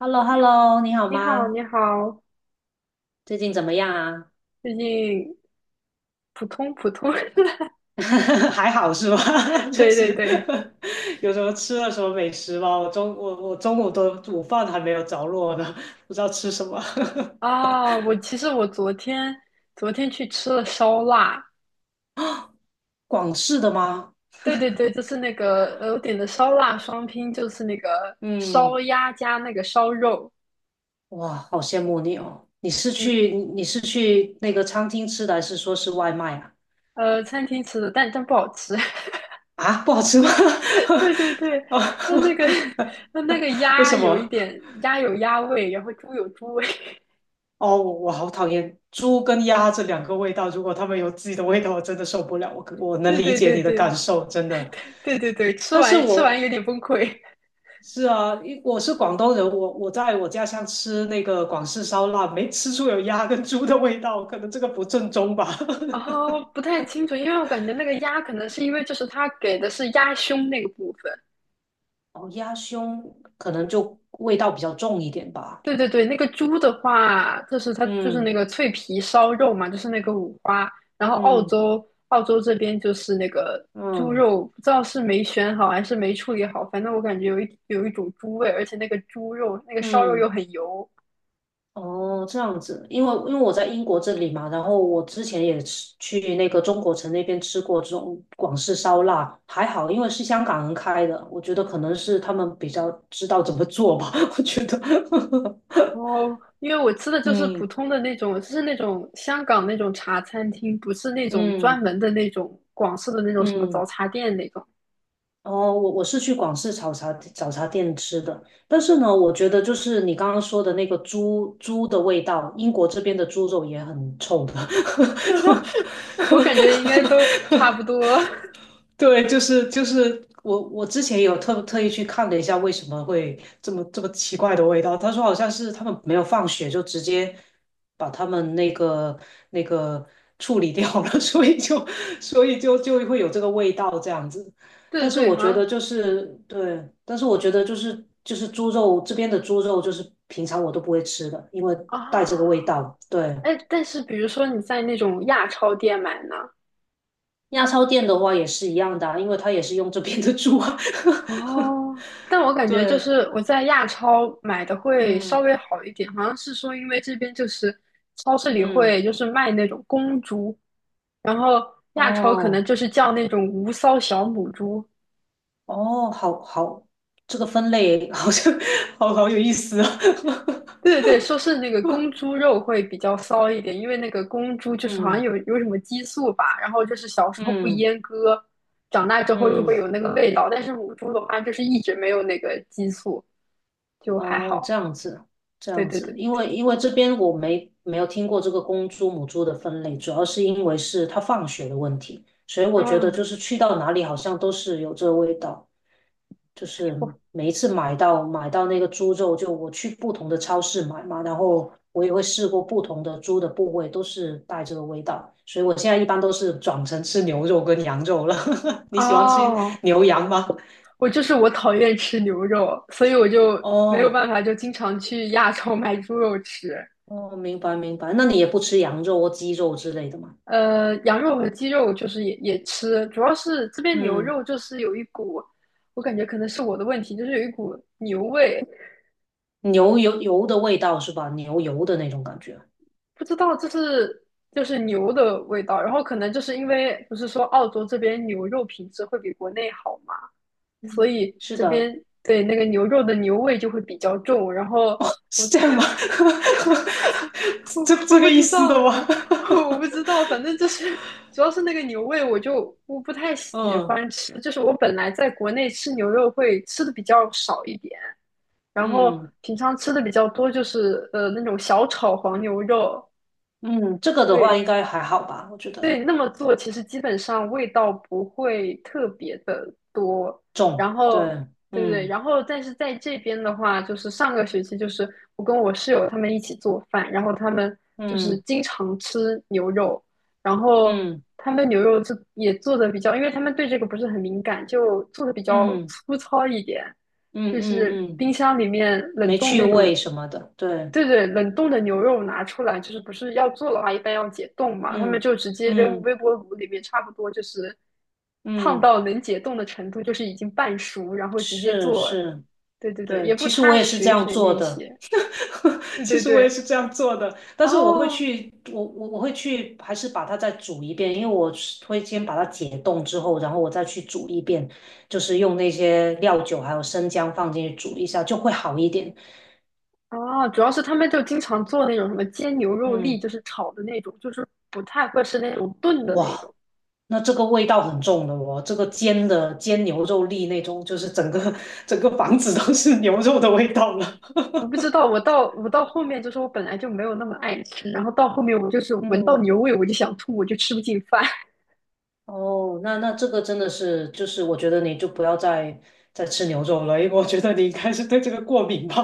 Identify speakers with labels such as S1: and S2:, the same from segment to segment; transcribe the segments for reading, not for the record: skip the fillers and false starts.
S1: h e l l o 你好
S2: 你好，
S1: 吗？
S2: 你好，
S1: 最近怎么样啊？
S2: 最近普通普通，
S1: 还好是吧？就
S2: 对对
S1: 是
S2: 对，
S1: 有什么吃了什么美食吗？我中午的午饭还没有着落呢，不知道吃什么。
S2: 啊，我其实我昨天昨天去吃了烧腊，
S1: 广式的吗？
S2: 对对对，就是那个我点的烧腊双拼，就是那个
S1: 嗯，
S2: 烧鸭加那个烧肉，
S1: 哇，好羡慕你哦！你是
S2: 嗯
S1: 去你是去那个餐厅吃的，还是说是外卖啊？
S2: 呃，餐厅吃的，但不好吃，
S1: 啊，不好吃吗？
S2: 对对对，
S1: 啊，
S2: 它那个 它那个
S1: 为
S2: 鸭
S1: 什
S2: 有一
S1: 么？
S2: 点鸭有鸭味，然后猪有猪味，
S1: 哦，我好讨厌猪跟鸭这两个味道，如果它们有自己的味道，我真的受不了。我可我 能
S2: 对
S1: 理
S2: 对
S1: 解
S2: 对
S1: 你的感
S2: 对
S1: 受，真的。
S2: 对对对，吃
S1: 但是
S2: 完吃完
S1: 我
S2: 有点崩溃，
S1: 是啊，因我是广东人，我在我家乡吃那个广式烧腊，没吃出有鸭跟猪的味道，可能这个不正宗吧。
S2: 哦，不太清楚，因为我感觉那个鸭可能是因为就是它给的是鸭胸那个部分，
S1: 哦，鸭胸可能就味道比较重一点吧。
S2: 对对对，那个猪的话，就是它就是
S1: 嗯
S2: 那个脆皮烧肉嘛，就是那个五花，然后澳
S1: 嗯
S2: 洲澳洲这边就是那个猪
S1: 嗯
S2: 肉，不知道是没选好还是没处理好，反正我感觉有一种猪味，而且那个猪肉那个烧肉
S1: 嗯。
S2: 又很油。
S1: 哦，这样子，因为我在英国这里嘛，然后我之前也去那个中国城那边吃过这种广式烧腊，还好，因为是香港人开的，我觉得可能是他们比较知道怎么做吧，我觉得，
S2: 哦，因为我吃的就是普
S1: 嗯
S2: 通的那种，就是那种香港那种茶餐厅，不是那种专
S1: 嗯
S2: 门的那种广式的那种什么早
S1: 嗯，
S2: 茶店那种。
S1: 哦，我是去广式早茶店吃的，但是呢，我觉得就是你刚刚说的那个猪的味道，英国这边的猪肉也很臭的。
S2: 我感觉应该都差不 多。
S1: 对，就是我之前有特意去看了一下，为什么会这么奇怪的味道？他说好像是他们没有放血，就直接把他们那个处理掉了，所以就所以就会有这个味道这样子。
S2: 对
S1: 但是
S2: 对
S1: 我
S2: 好
S1: 觉得
S2: 像
S1: 就是对，但是我觉得就是猪肉这边的猪肉就是平常我都不会吃的，因为 带这
S2: 啊，
S1: 个味道。对，
S2: 哎，但是比如说你在那种亚超店买呢，
S1: 亚超店的话也是一样的啊因为他也是用这边的猪啊。
S2: 哦，但我 感觉就
S1: 对，
S2: 是我在亚超买的会稍
S1: 嗯
S2: 微好一点，好像是说因为这边就是超市里
S1: 嗯，
S2: 会就是卖那种公猪，然后亚超可能
S1: 哦
S2: 就是叫那种无骚小母猪，
S1: 哦，好好，这个分类好像 好好有意思啊。
S2: 对对 对，说是那个公猪肉会比较骚一点，因为那个公猪就是好像
S1: 嗯
S2: 有什么激素吧，然后就是小时候不
S1: 嗯
S2: 阉割，长大之后就
S1: 嗯，
S2: 会有那个味道，但是母猪的话就是一直没有那个激素，就还
S1: 哦，这
S2: 好。
S1: 样子这
S2: 对
S1: 样
S2: 对
S1: 子，
S2: 对对
S1: 因
S2: 对，
S1: 为因为这边我没有听过这个公猪母猪的分类，主要是因为是它放血的问题，所以我觉得
S2: 嗯，
S1: 就是去到哪里好像都是有这个味道。就是
S2: 我
S1: 每一次买到那个猪肉，就我去不同的超市买嘛，然后我也会试过不同的猪的部位，都是带这个味道，所以我现在一般都是转成吃牛肉跟羊肉了。你喜欢吃
S2: 哦，
S1: 牛羊吗？
S2: 我就是我讨厌吃牛肉，所以我就没有
S1: 哦
S2: 办法，就经常去亚超买猪肉吃。
S1: 哦，明白明白，那你也不吃羊肉或鸡肉之类的吗？
S2: 羊肉和鸡肉就是也吃，主要是这边牛
S1: 嗯，
S2: 肉就是有一股，我感觉可能是我的问题，就是有一股牛味，
S1: 牛油的味道是吧？牛油的那种感觉，
S2: 不知道这是就是牛的味道，然后可能就是因为不是说澳洲这边牛肉品质会比国内好嘛，所以
S1: 是
S2: 这
S1: 的，
S2: 边对那个牛肉的牛味就会比较重，然后我
S1: 是这样吗？
S2: 我
S1: 这
S2: 我
S1: 这
S2: 不
S1: 个意
S2: 知
S1: 思
S2: 道，
S1: 的吗？
S2: 我不知道，反 正就是主要是那个牛味，我不太喜
S1: 嗯
S2: 欢吃。就是我本来在国内吃牛肉会吃的比较少一点，然后
S1: 嗯。
S2: 平常吃的比较多就是那种小炒黄牛肉，
S1: 嗯，这个的话
S2: 对。
S1: 应该还好吧，我觉得
S2: 对，那么做其实基本上味道不会特别的多，
S1: 重，
S2: 然后
S1: 对，
S2: 对对，
S1: 嗯
S2: 然后但是在这边的话，就是上个学期就是我跟我室友他们一起做饭，然后他们就是
S1: 嗯
S2: 经常吃牛肉，然后
S1: 嗯
S2: 他们牛肉就也做的比较，因为他们对这个不是很敏感，就做的比较
S1: 嗯
S2: 粗糙一点，
S1: 嗯
S2: 就
S1: 嗯
S2: 是
S1: 嗯，
S2: 冰箱里面冷
S1: 没
S2: 冻
S1: 趣
S2: 那种
S1: 味什么的，对，
S2: 对对，冷冻的牛肉拿出来，就是不是要做的话，一般要解冻嘛，他们
S1: 嗯
S2: 就直接扔
S1: 嗯
S2: 微波炉里面，差不多就是烫
S1: 嗯，
S2: 到能解冻的程度，就是已经半熟，然后直接
S1: 是
S2: 做。
S1: 是，
S2: 对对对，
S1: 对，
S2: 也不
S1: 其实我
S2: 擦
S1: 也是这
S2: 血
S1: 样
S2: 水
S1: 做
S2: 那
S1: 的，
S2: 些。对
S1: 其
S2: 对
S1: 实我也
S2: 对，
S1: 是这样做的，但是我会
S2: 哦
S1: 去，我会去，还是把它再煮一遍，因为我是会先把它解冻之后，然后我再去煮一遍，就是用那些料酒还有生姜放进去煮一下，就会好一点，
S2: 哦，主要是他们就经常做那种什么煎牛肉粒，
S1: 嗯。
S2: 就是炒的那种，就是不太会吃那种炖的那
S1: 哇，
S2: 种。
S1: 那这个味道很重的哦，这个煎牛肉粒那种，就是整个 整个房子都是牛肉的味道了。
S2: 我不知道，我到后面就是我本来就没有那么爱吃，然后到后面我就是 闻到
S1: 嗯，
S2: 牛味我就想吐，我就吃不进饭。
S1: 哦，那这个真的是，就是我觉得你就不要再吃牛肉了，因为我觉得你应该是对这个过敏吧。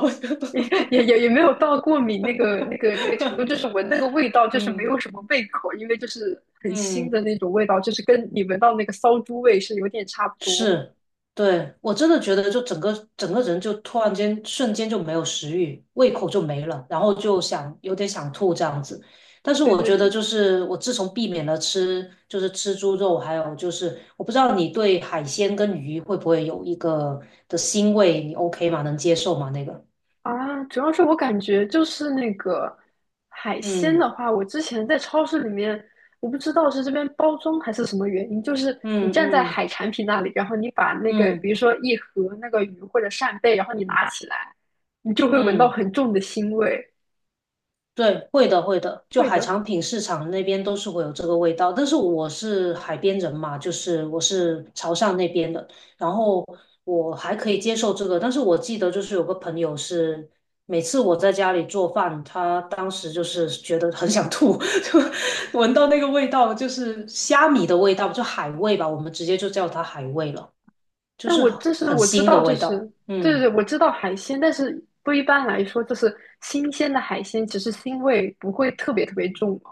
S2: 也也没有到过敏那个程度，就是闻那个味道 就是没有
S1: 嗯
S2: 什么胃口，因为就是很腥
S1: 嗯，
S2: 的那种味道，就是跟你闻到那个骚猪味是有点差不多。
S1: 是，对，我真的觉得就整个人就突然间瞬间就没有食欲，胃口就没了，然后就想有点想吐这样子。但是
S2: 对
S1: 我
S2: 对
S1: 觉得
S2: 对，
S1: 就是我自从避免了吃就是吃猪肉，还有就是我不知道你对海鲜跟鱼会不会有一个的腥味，你 OK 吗？能接受吗？那个，
S2: 啊，主要是我感觉就是那个海鲜
S1: 嗯
S2: 的话，我之前在超市里面，我不知道是这边包装还是什么原因，就是你
S1: 嗯
S2: 站在
S1: 嗯
S2: 海产品那里，然后你把那个比
S1: 嗯
S2: 如说一盒那个鱼或者扇贝，然后你拿起来，你就会闻到
S1: 嗯，
S2: 很重的腥味。
S1: 对，会的，会的。就
S2: 会
S1: 海
S2: 的，
S1: 产品市场那边都是会有这个味道，但是我是海边人嘛，就是我是潮汕那边的，然后我还可以接受这个。但是我记得就是有个朋友是，每次我在家里做饭，他当时就是觉得很想吐，就闻到那个味道，就是虾米的味道，就海味吧，我们直接就叫它海味了，就
S2: 但
S1: 是
S2: 我就是
S1: 很
S2: 我知
S1: 腥的
S2: 道，就
S1: 味
S2: 是
S1: 道。
S2: 对对
S1: 嗯。
S2: 对，我知道海鲜，但是不一般来说，就是新鲜的海鲜，其实腥味不会特别特别重嘛。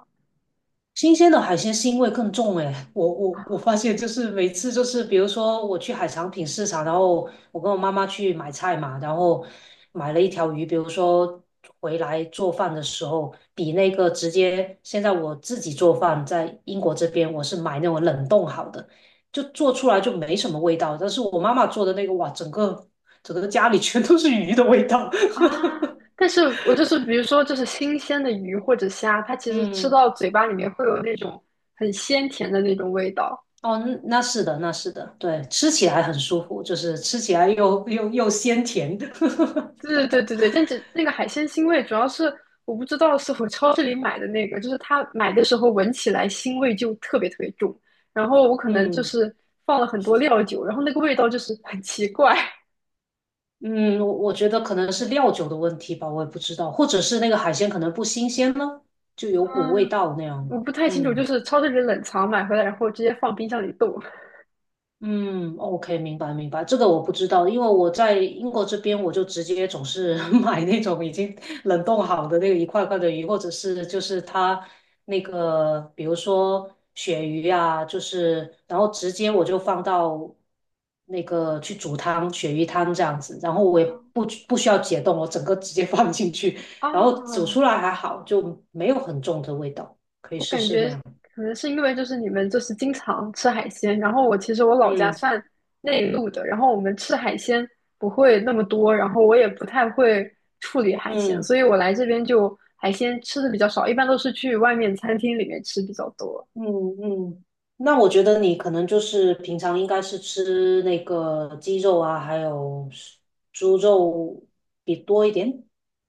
S1: 新鲜的海鲜腥味更重诶，我发现就是每次就是比如说我去海产品市场，然后我跟我妈妈去买菜嘛，然后买了一条鱼，比如说回来做饭的时候，比那个直接现在我自己做饭在英国这边，我是买那种冷冻好的，就做出来就没什么味道，但是我妈妈做的那个哇，整个家里全都是鱼的味道，
S2: 啊，但是我就是比如说，就是新鲜的鱼或者虾，它 其实吃
S1: 嗯。
S2: 到嘴巴里面会有那种很鲜甜的那种味道。
S1: 哦，嗯那是的，那是的，对，吃起来很舒服，就是吃起来又鲜甜的。
S2: 对对对对对，但是那个海鲜腥味主要是我不知道是我超市里买的那个，就是它买的时候闻起来腥味就特别特别重，然后我可能就
S1: 嗯
S2: 是放了很多料酒，然后那个味道就是很奇怪。
S1: 嗯，我觉得可能是料酒的问题吧，我也不知道，或者是那个海鲜可能不新鲜呢，就有股味
S2: 嗯，
S1: 道那样。
S2: 我不太清楚，就
S1: 嗯。
S2: 是超市里冷藏买回来，然后直接放冰箱里冻。
S1: 嗯，OK，明白明白，这个我不知道，因为我在英国这边，我就直接总是 买那种已经冷冻好的那个一块块的鱼，或者是就是它那个，比如说鳕鱼啊，就是然后直接我就放到那个去煮汤，鳕鱼汤这样子，然后我也不 不需要解冻，我整个直接放进去，然后煮
S2: 啊，
S1: 出来还好，就没有很重的味道，可以
S2: 我
S1: 试
S2: 感
S1: 试
S2: 觉
S1: 那样。
S2: 可能是因为就是你们就是经常吃海鲜，然后我其实老家
S1: 嗯
S2: 算内陆的，然后我们吃海鲜不会那么多，然后我也不太会处理海鲜，
S1: 嗯。
S2: 所以我来这边就海鲜吃的比较少，一般都是去外面餐厅里面吃比较多。
S1: 嗯嗯，那我觉得你可能就是平常应该是吃那个鸡肉啊，还有是猪肉比多一点。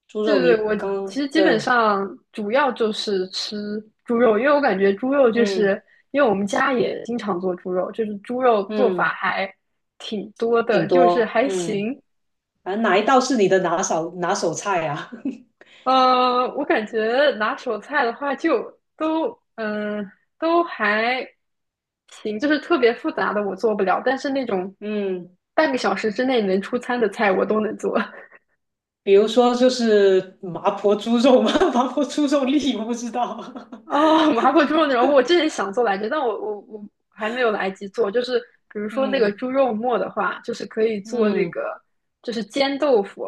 S1: 猪
S2: 对
S1: 肉
S2: 对，
S1: 你
S2: 我
S1: 刚，
S2: 其实基本
S1: 对，
S2: 上主要就是吃猪肉，因为我感觉猪肉就
S1: 嗯
S2: 是因为我们家也经常做猪肉，就是猪肉做法
S1: 嗯，
S2: 还挺多的，
S1: 挺
S2: 就是
S1: 多，
S2: 还
S1: 嗯，
S2: 行。
S1: 反正哪一道是你的拿手菜啊？
S2: 我感觉拿手菜的话就都嗯、呃都还行，就是特别复杂的我做不了，但是那种
S1: 嗯，
S2: 半个小时之内能出餐的菜我都能做。
S1: 比如说就是麻婆猪肉嘛，麻婆猪肉粒我不知道。
S2: 哦，麻婆猪肉那种，我之前想做来着，但我还没有来及做。就是比如说那个
S1: 嗯
S2: 猪肉末的话，就是可以做那
S1: 嗯，
S2: 个，就是煎豆腐，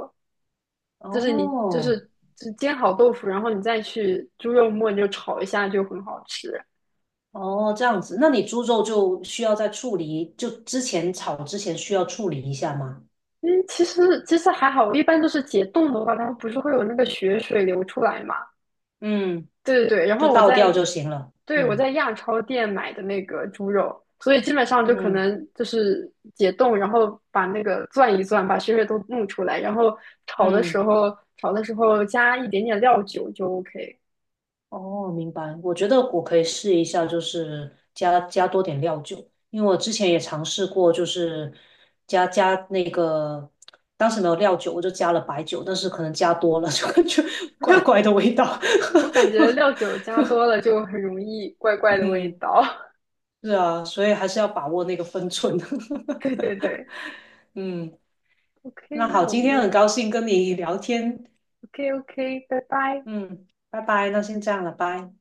S2: 就是你就是
S1: 哦。
S2: 就是煎好豆腐，然后你再去猪肉末你就炒一下，就很好吃。
S1: 哦，这样子，那你猪肉就需要在处理，就之前炒之前需要处理一下吗？
S2: 嗯，其实还好，一般都是解冻的话，它不是会有那个血水流出来嘛。
S1: 嗯，
S2: 对对对，然
S1: 就
S2: 后我
S1: 倒掉
S2: 在，
S1: 就行了。
S2: 对，我
S1: 嗯
S2: 在亚超店买的那个猪肉，所以基本上就可
S1: 嗯
S2: 能就是解冻，然后把那个攥一攥，把血水都弄出来，然后炒的时
S1: 嗯，
S2: 候炒的时候加一点点料酒就 OK。
S1: 哦，明白。我觉得我可以试一下，就是加多点料酒，因为我之前也尝试过，就是加那个，当时没有料酒，我就加了白酒，但是可能加多了 就感觉怪怪的味道。
S2: 我感觉料酒加多 了就很容易怪怪的味
S1: 嗯，
S2: 道。
S1: 是啊，所以还是要把握那个分寸。
S2: 对 对对
S1: 嗯。
S2: ，OK，
S1: 那好，
S2: 那我
S1: 今天很
S2: 们
S1: 高兴跟你聊天，
S2: OK OK，拜拜。
S1: 嗯，拜拜，那先这样了，拜。